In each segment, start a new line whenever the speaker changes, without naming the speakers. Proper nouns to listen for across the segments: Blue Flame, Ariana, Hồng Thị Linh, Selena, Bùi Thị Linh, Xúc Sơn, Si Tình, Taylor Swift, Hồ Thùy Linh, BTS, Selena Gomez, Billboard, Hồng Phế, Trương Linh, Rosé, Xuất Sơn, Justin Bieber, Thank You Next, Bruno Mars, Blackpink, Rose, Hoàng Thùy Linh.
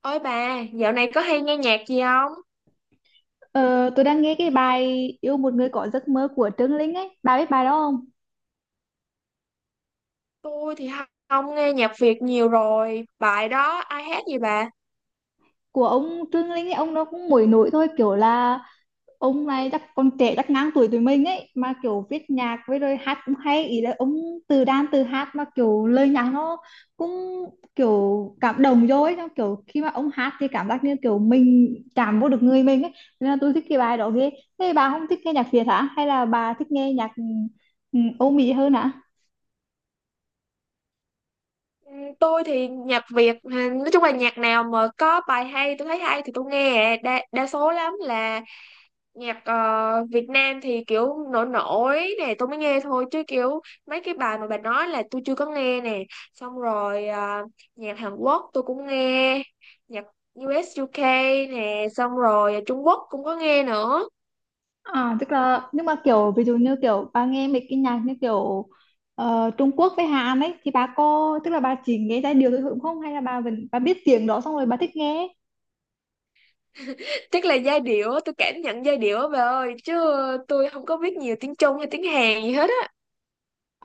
Ôi bà, dạo này có hay nghe nhạc gì không?
Ờ, tôi đang nghe cái bài Yêu một người có giấc mơ của Trương Linh ấy. Bà biết bài đó không?
Tôi thì không không nghe nhạc Việt nhiều rồi. Bài đó ai hát gì bà?
Của ông Trương Linh ấy, ông nó cũng nổi nổi thôi. Kiểu là ông này chắc còn trẻ, chắc ngang tuổi tụi mình ấy. Mà kiểu viết nhạc với rồi hát cũng hay. Ý là ông từ đàn từ hát mà kiểu lời nhạc nó cũng kiểu cảm động vô ấy. Xong kiểu khi mà ông hát thì cảm giác như kiểu mình chạm vô được người mình ấy. Nên là tôi thích cái bài đó ghê. Thế bà không thích nghe nhạc Việt hả? Hay là bà thích nghe nhạc Âu Mỹ hơn hả?
Ừ, tôi thì nhạc Việt, ừ, nói chung là nhạc nào mà có bài hay, tôi thấy hay thì tôi nghe. Đa số lắm là nhạc Việt Nam thì kiểu nổi nổi nè, tôi mới nghe thôi. Chứ kiểu mấy cái bài mà bà nói là tôi chưa có nghe nè. Xong rồi nhạc Hàn Quốc tôi cũng nghe, nhạc U.S. UK nè, xong rồi Trung Quốc cũng có nghe nữa.
À, tức là nhưng mà kiểu ví dụ như kiểu bà nghe mấy cái nhạc như kiểu Trung Quốc với Hàn ấy, thì bà có tức là bà chỉ nghe giai điệu thôi đúng không, hay là bà vẫn bà biết tiếng đó xong rồi bà thích nghe?
Chắc là giai điệu á, tôi cảm nhận giai điệu á bà ơi, chứ tôi không có biết nhiều tiếng Trung hay tiếng Hàn gì hết á.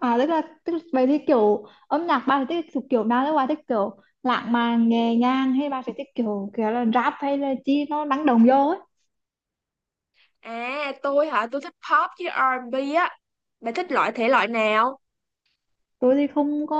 À, tức là, vậy thì kiểu âm nhạc bà thì thích thuộc kiểu nào đấy, bà thích kiểu lãng mạn nhẹ nhàng hay bà sẽ thích kiểu kiểu là rap hay là chi nó năng động vô ấy?
À tôi hả, tôi thích pop với R&B á. Bà thích loại thể loại nào?
Tôi thì không có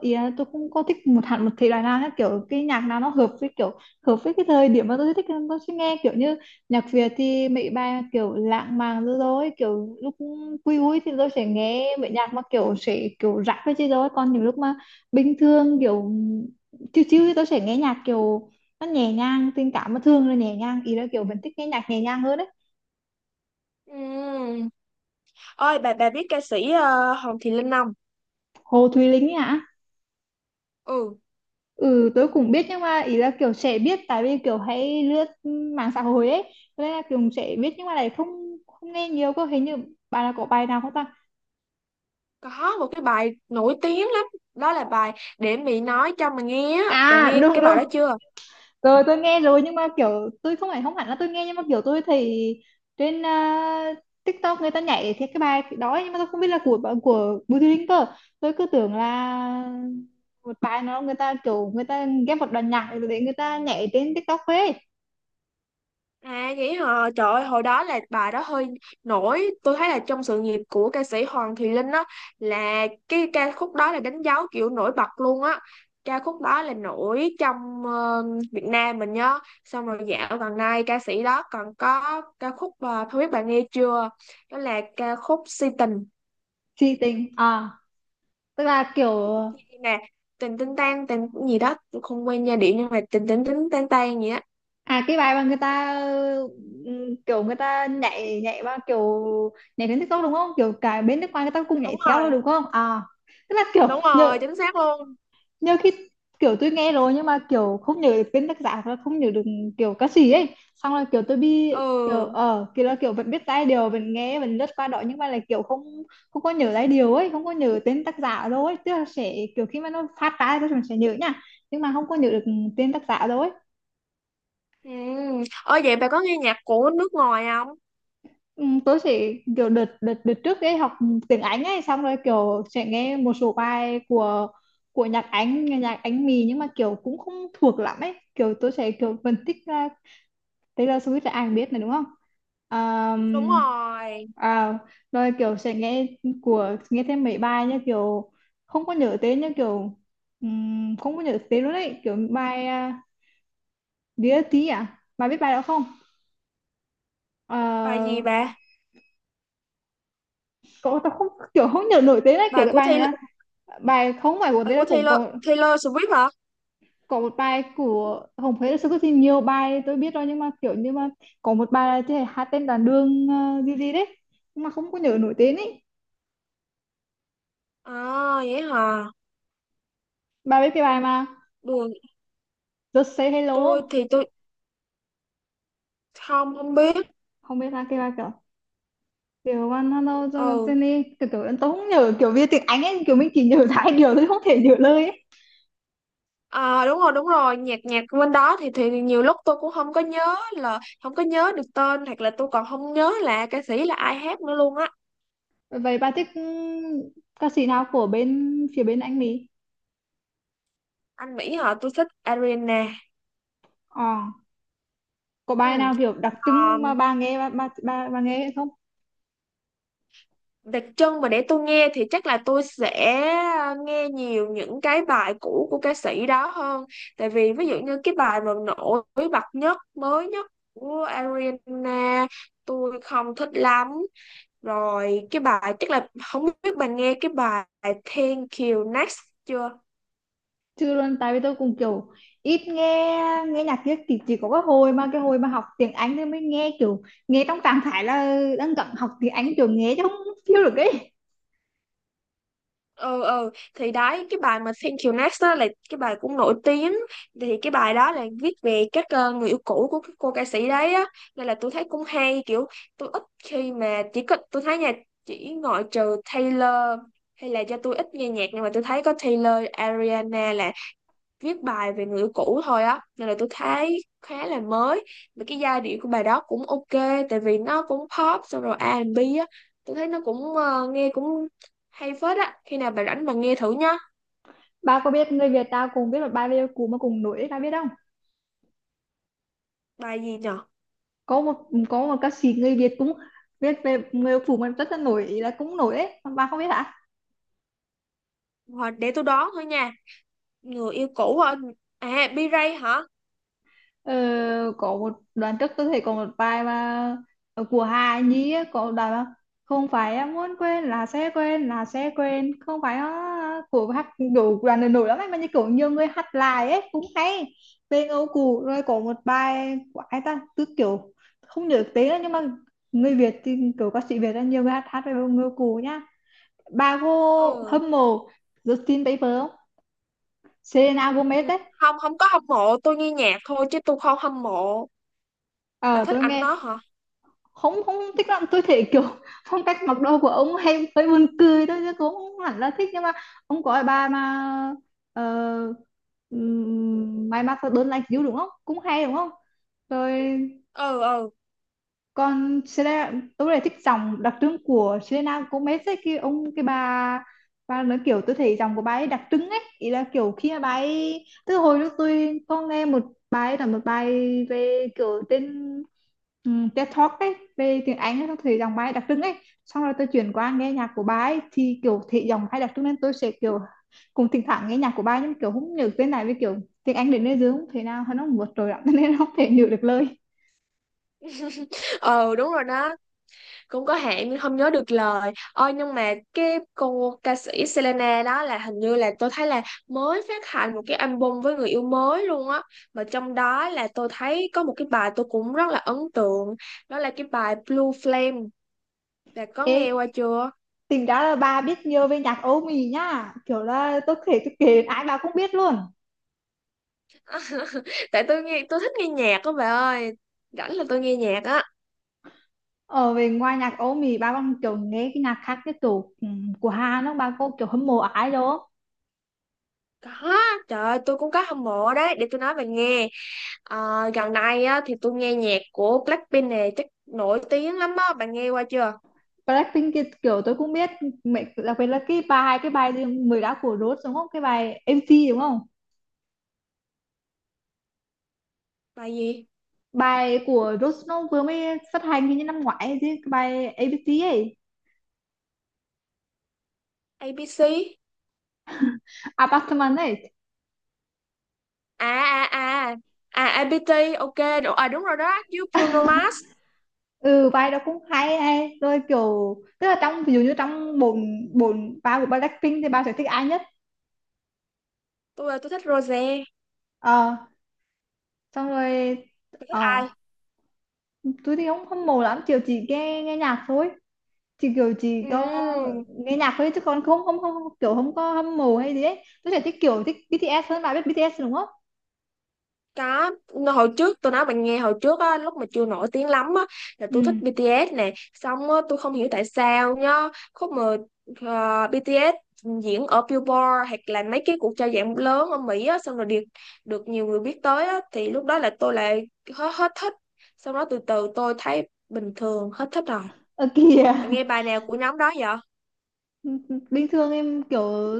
ý là tôi không có thích một hẳn một thể loại nào hết, kiểu cái nhạc nào nó hợp với kiểu hợp với cái thời điểm mà tôi thích tôi sẽ nghe, kiểu như nhạc Việt thì mấy bài kiểu lãng mạn rồi rồi kiểu lúc vui vui thì tôi sẽ nghe mấy nhạc mà kiểu sẽ kiểu rap với chứ, rồi còn những lúc mà bình thường kiểu chill chill thì tôi sẽ nghe nhạc kiểu nó nhẹ nhàng tình cảm, mà thường là nhẹ nhàng, ý là kiểu vẫn thích nghe nhạc nhẹ nhàng hơn đấy.
Ừm, Ơi bà biết ca sĩ Hồng Thị Linh không?
Hồ Thùy Linh ấy ạ.
Ừ,
Ừ, tôi cũng biết nhưng mà ý là kiểu sẽ biết tại vì kiểu hay lướt mạng xã hội ấy, cho nên là kiểu sẽ biết nhưng mà lại không không nghe nhiều cơ, hình như bài là có bài nào không ta?
có một cái bài nổi tiếng lắm, đó là bài Để Mỹ Nói Cho Mà Nghe á, bà
À,
nghe
đúng
cái bài
đúng,
đó chưa?
tôi nghe rồi nhưng mà kiểu tôi không phải không hẳn là tôi nghe, nhưng mà kiểu tôi thấy trên TikTok người ta nhảy thì cái bài đó ấy, nhưng mà tôi không biết là của Bùi Thị Linh cơ, tôi cứ tưởng là một bài nó người ta kiểu người ta ghép một đoạn nhạc để người ta nhảy trên TikTok ấy.
À vậy hả? Trời ơi, hồi đó là bà đó hơi nổi. Tôi thấy là trong sự nghiệp của ca sĩ Hoàng Thùy Linh á, là cái ca khúc đó là đánh dấu kiểu nổi bật luôn á. Ca khúc đó là nổi trong Việt Nam mình nhớ. Xong rồi dạo gần đây ca sĩ đó còn có ca khúc không biết bạn nghe chưa? Đó là ca khúc Si Tình
Si tình à? Tức là kiểu.
nè, tình tinh tan tình gì đó, tôi không quen giai điệu nhưng mà tình tình tinh tan tan gì á.
À, cái bài mà người ta kiểu người ta nhảy nhảy vào kiểu nhảy đến TikTok đúng không? Kiểu cả bên nước ngoài người ta cũng nhảy
Đúng
theo đó
rồi,
đúng không? À, tức là kiểu
đúng rồi,
nhớ
chính xác luôn.
nhớ khi kiểu tôi nghe rồi nhưng mà kiểu không nhớ được tên tác giả hoặc là không nhớ được kiểu ca sĩ ấy. Xong là kiểu tôi bị kiểu
Ừ.
kiểu là kiểu vẫn biết giai điệu vẫn nghe vẫn lướt qua đó, nhưng mà là kiểu không không có nhớ giai điệu ấy, không có nhớ tên tác giả đâu ấy, tức là sẽ kiểu khi mà nó phát ra thì tôi sẽ nhớ nha, nhưng mà không có nhớ được tên tác giả đâu ấy.
Ừ. Ở vậy bà có nghe nhạc của nước ngoài không?
Ừ, tớ chỉ kiểu đợt đợt đợt trước ấy học tiếng Anh ấy, xong rồi kiểu sẽ nghe một số bài của nhạc Anh, nghe nhạc Anh mì nhưng mà kiểu cũng không thuộc lắm ấy, kiểu tớ sẽ kiểu phân tích ra Taylor Swift là ai biết này đúng không?
Đúng
um,
rồi.
À, rồi kiểu sẽ nghe của nghe thêm mấy bài như kiểu không có nhớ tên, như kiểu không có nhớ tên luôn ấy, kiểu bài Dear T à, bà biết bài đó không? Ờ,
Bài gì bà?
cậu tao không kiểu không nhớ nổi tên ấy, kiểu
Bài
cái
của
bài này
Taylor,
là bài không phải của
bài
tên là
của
cũng
Taylor,
có
Taylor Swift hả?
có một bài của Hồng Phế là sao, có thì nhiều bài tôi biết rồi nhưng mà kiểu như mà có một bài là cái hát tên đàn đường gì gì đấy nhưng mà không có nhớ nổi tên ấy.
À vậy hả?
Bà biết cái bài mà
Buồn,
Just Say Hello
tôi
không?
thì tôi không không biết.
Không biết là cái bài kiểu kiểu one hello cho
Ừ.
Jenny kiểu kiểu tôi không nhớ kiểu viết tiếng Anh ấy, kiểu mình chỉ nhớ hai điều tôi không thể nhớ lời ấy.
À đúng rồi, nhạc nhạc bên đó thì nhiều lúc tôi cũng không có nhớ, là không có nhớ được tên hoặc là tôi còn không nhớ là ca sĩ là ai hát nữa luôn á.
Vậy bà thích ca sĩ nào của bên phía bên anh Mỹ?
Anh Mỹ hả? Tôi thích Ariana.
Ờ, có bài
Ừ.
nào kiểu đặc
Ờ,
trưng mà bà nghe không?
đặc trưng mà để tôi nghe thì chắc là tôi sẽ nghe nhiều những cái bài cũ của ca sĩ đó hơn, tại vì ví dụ như cái bài mà nổi bật nhất mới nhất của Ariana tôi không thích lắm. Rồi cái bài chắc là không biết bạn nghe cái bài Thank You Next chưa.
Chưa luôn tại vì tôi cũng kiểu ít nghe nghe nhạc kia thì chỉ có cái hồi mà học tiếng Anh thì mới nghe, kiểu nghe trong trạng thái là đang cần học tiếng Anh kiểu nghe chứ không feel được ấy.
Ừ thì đấy, cái bài mà Thank You Next đó là cái bài cũng nổi tiếng, thì cái bài đó là viết về các người yêu cũ của cái cô ca sĩ đấy á, nên là tôi thấy cũng hay. Kiểu tôi ít khi mà chỉ có tôi thấy nha, chỉ ngoại trừ Taylor, hay là do tôi ít nghe nhạc, nhưng mà tôi thấy có Taylor, Ariana là viết bài về người yêu cũ thôi á, nên là tôi thấy khá là mới. Mà cái giai điệu của bài đó cũng ok, tại vì nó cũng pop xong rồi R&B á. Tôi thấy nó cũng nghe cũng hay phết á. Khi nào bà rảnh bà nghe thử nhá.
Bà có biết người Việt ta cũng biết một bài về cũ mà cùng nổi ấy, bà biết không?
Bài gì nhở?
Có một có một ca sĩ người Việt cũng viết về người phụ mà rất là nổi, là cũng nổi ấy, bà không biết hả?
Hoặc để tôi đoán thôi nha, người yêu cũ hả? À B-Ray hả?
Ờ, có một đoạn trước tôi thấy có một bài mà của Hà Nhi á, có một đoạn mà không phải em muốn quên là sẽ quên là sẽ quên không phải á, của hát đủ đoạn này nổi lắm ấy, mà như kiểu nhiều người hát lại ấy cũng hay, bên Âu Cù rồi có một bài của ai ta cứ kiểu không nhớ tiếng nữa, nhưng mà người Việt thì kiểu ca sĩ Việt là nhiều người hát hát về người Âu Cù nhá. Bà cô
Ừ.
hâm mộ Justin Bieber không? Selena
Ừ.
Gomez ấy.
Không, không có hâm mộ, tôi nghe nhạc thôi chứ tôi không hâm mộ. Bà
Ờ,
thích
tôi
ảnh nó
nghe.
hả?
Không, không thích lắm, tôi thấy kiểu phong cách mặc đồ của ông hay hơi buồn cười thôi chứ cũng không hẳn là thích, nhưng mà ông có cái bà mà uh, may mặc đơn lạnh xíu đúng không, cũng hay đúng không? Rồi
Ừ. Ừ.
còn Selena, tôi lại thích dòng đặc trưng của Selena Gomez ấy, cái ông cái bà nói, kiểu tôi thấy dòng của bà ấy đặc trưng ấy, ý là kiểu khi mà bà ấy từ hồi lúc tôi có nghe một bài là một bài về kiểu tên TED Talk ấy về tiếng Anh ấy, tôi thấy giọng bà ấy đặc trưng ấy, xong rồi tôi chuyển qua nghe nhạc của bà ấy thì kiểu thị dòng hay đặc trưng nên tôi sẽ kiểu cùng thỉnh thoảng nghe nhạc của bà ấy nhưng kiểu không nhớ tên này với kiểu tiếng Anh đến nơi dưới không thể nào nó vượt trội lắm nên không thể nhớ được lời.
Ừ đúng rồi đó, cũng có hạn nhưng không nhớ được lời. Ôi nhưng mà cái cô ca sĩ Selena đó là, hình như là tôi thấy là mới phát hành một cái album với người yêu mới luôn á, mà trong đó là tôi thấy có một cái bài tôi cũng rất là ấn tượng, đó là cái bài Blue Flame. Bà có
Ê,
nghe qua chưa?
tính ra là bà biết nhiều về nhạc Âu Mỹ nhá, kiểu là tôi kể ai bà cũng biết luôn.
Tại tôi nghe, tôi thích nghe nhạc á bà ơi, rảnh là tôi nghe nhạc á.
Ở về ngoài nhạc Âu Mỹ bà còn kiểu nghe cái nhạc khác, cái kiểu của Hàn đó, bà có kiểu hâm mộ ai đó?
Có, trời ơi, tôi cũng có hâm mộ đấy, để tôi nói bà nghe. Ờ, gần đây á thì tôi nghe nhạc của Blackpink này, chắc nổi tiếng lắm á, bạn nghe qua chưa?
Blackpink kia kiểu tôi cũng biết, mẹ đặc biệt là cái bài gì mới đã của Rose đúng không, cái bài MC đúng không?
Bài gì?
Bài của Rose nó vừa mới phát hành hình như năm ngoái ấy chứ, cái bài ABC ấy,
ABC?
Apartment ấy.
À à à, à IBT, ok. À đúng rồi đó, với Bruno Mars.
Ừ, vai đó cũng hay ấy. Rồi kiểu tức là trong ví dụ như trong bốn bốn ba của Blackpink thì ba sẽ thích ai nhất?
Tôi thích Rosé.
Ờ, xong rồi
Tôi thích
ờ
ai?
tôi thì không hâm mộ lắm, kiểu chỉ nghe nghe nhạc thôi, chỉ kiểu chỉ có
Ừm,
nghe nhạc thôi chứ còn không không không không- kiểu không có hâm mộ hay gì ấy, tôi sẽ thích kiểu thích BTS hơn, bà biết BTS đúng không?
có, hồi trước tôi nói bạn nghe, hồi trước á lúc mà chưa nổi tiếng lắm á, là
ừ
tôi thích BTS nè. Xong á tôi không hiểu tại sao nhá, khúc mà BTS diễn ở Billboard hoặc là mấy cái cuộc trao giải lớn ở Mỹ á, xong rồi được, được nhiều người biết tới á, thì lúc đó là tôi lại hết hết thích. Xong đó từ từ tôi thấy bình thường, hết thích rồi.
ờ Kìa.
Bạn nghe bài nào của nhóm đó vậy?
Bình thường em kiểu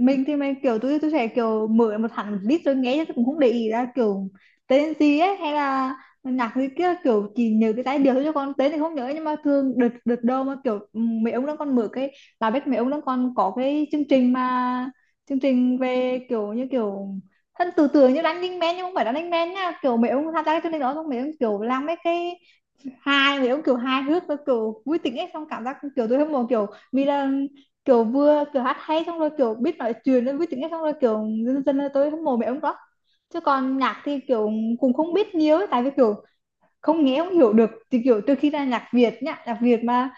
mình thì mình kiểu tôi sẽ kiểu mở một hẳn một list rồi nghe chứ tôi cũng không để ý ra kiểu tên gì ấy hay là nhạc gì kia, kiểu chỉ nhớ cái giai điệu thôi chứ còn tên thì không nhớ, nhưng mà thường đợt đợt đâu mà kiểu mấy ông đang còn mở cái là biết mấy ông đang còn có cái chương trình mà chương trình về kiểu như kiểu thân từ từ như Running Man nhưng không phải Running Man nha, kiểu mấy ông tham gia cái chương trình đó xong mấy ông kiểu làm mấy cái hai mấy ông kiểu hài hước và kiểu vui tính ấy, xong cảm giác kiểu tôi hâm mộ kiểu Mira, kiểu vừa kiểu hát hay xong rồi kiểu biết nói chuyện nên vui tính ấy, xong rồi kiểu dân dân là tôi hâm mộ mẹ ông đó, chứ còn nhạc thì kiểu cũng không biết nhiều ấy, tại vì kiểu không nghe không hiểu được thì kiểu từ khi ra nhạc Việt nhá nhạc Việt mà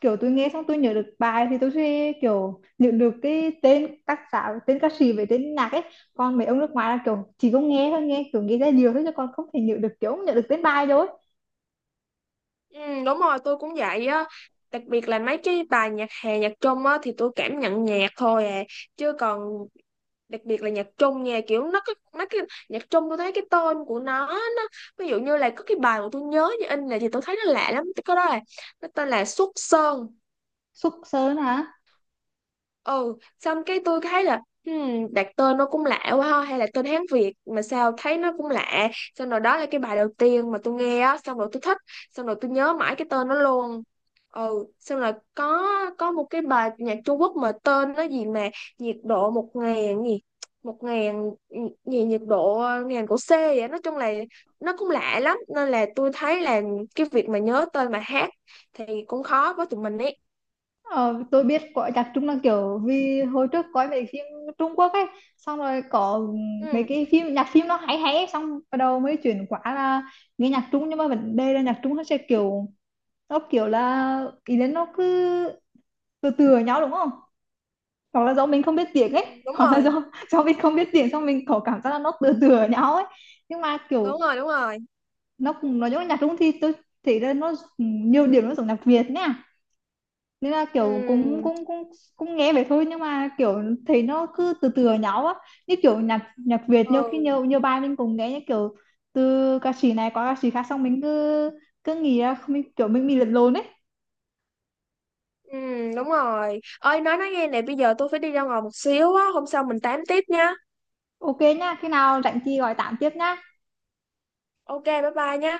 kiểu tôi nghe xong tôi nhớ được bài thì tôi sẽ kiểu nhớ được cái tên tác giả tên ca sĩ với tên nhạc ấy, còn mấy ông nước ngoài là kiểu chỉ có nghe thôi, nghe kiểu nghe ra nhiều thôi chứ còn không thể nhớ được, kiểu không nhớ được tên bài đâu ấy.
Ừ, đúng rồi, tôi cũng vậy á. Đặc biệt là mấy cái bài nhạc hè, nhạc Trung á thì tôi cảm nhận nhạc thôi à. Chứ còn đặc biệt là nhạc Trung nha, kiểu nó có mấy cái nhạc Trung, tôi thấy cái tên của nó, ví dụ như là có cái bài mà tôi nhớ như in là, thì tôi thấy nó lạ lắm. Cái đó là nó tên là Xuất Sơn.
Xúc Sơn hả?
Ừ, xong cái tôi thấy là, đặt tên nó cũng lạ quá ha, hay là tên Hán Việt mà sao thấy nó cũng lạ. Xong rồi đó là cái bài đầu tiên mà tôi nghe á, xong rồi tôi thích, xong rồi tôi nhớ mãi cái tên nó luôn. Ừ xong rồi có một cái bài nhạc Trung Quốc mà tên nó gì mà, nhiệt độ một ngàn gì, một ngàn gì nhiệt độ, ngàn của C vậy, nói chung là nó cũng lạ lắm, nên là tôi thấy là cái việc mà nhớ tên mà hát thì cũng khó với tụi mình ấy.
Ờ, tôi biết có chắc chung là kiểu vì hồi trước coi mấy phim Trung Quốc ấy, xong rồi có mấy
Ừ,
cái phim nhạc phim nó hay hay ấy, xong bắt đầu mới chuyển qua là nghe nhạc Trung, nhưng mà vấn đề là nhạc Trung nó sẽ kiểu nó kiểu là ý đến nó cứ từ từ ở nhau đúng không, hoặc là do mình không biết tiếng
ừ,
ấy
đúng
hoặc là
rồi
do mình không biết tiếng xong mình có cảm giác là nó từ từ ở nhau ấy, nhưng mà
đúng
kiểu
rồi đúng rồi.
nó cũng nói giống nhạc Trung thì tôi thấy là nó nhiều điểm nó giống nhạc Việt nhé, nên là kiểu cũng
ừ
cũng cũng cũng nghe vậy thôi nhưng mà kiểu thấy nó cứ từ từ nhau á, như kiểu nhạc nhạc Việt nhiều khi
ừ
nhiều nhiều bài mình cũng nghe như kiểu từ ca sĩ này qua ca sĩ khác xong mình cứ cứ nghĩ là mình kiểu mình bị lẫn lộn ấy.
ừ đúng rồi ơi, nói nghe nè, bây giờ tôi phải đi ra ngoài một xíu á, hôm sau mình tám tiếp nha.
Ok nhá, khi nào rảnh thì gọi tạm tiếp nhá.
Ok bye bye nha.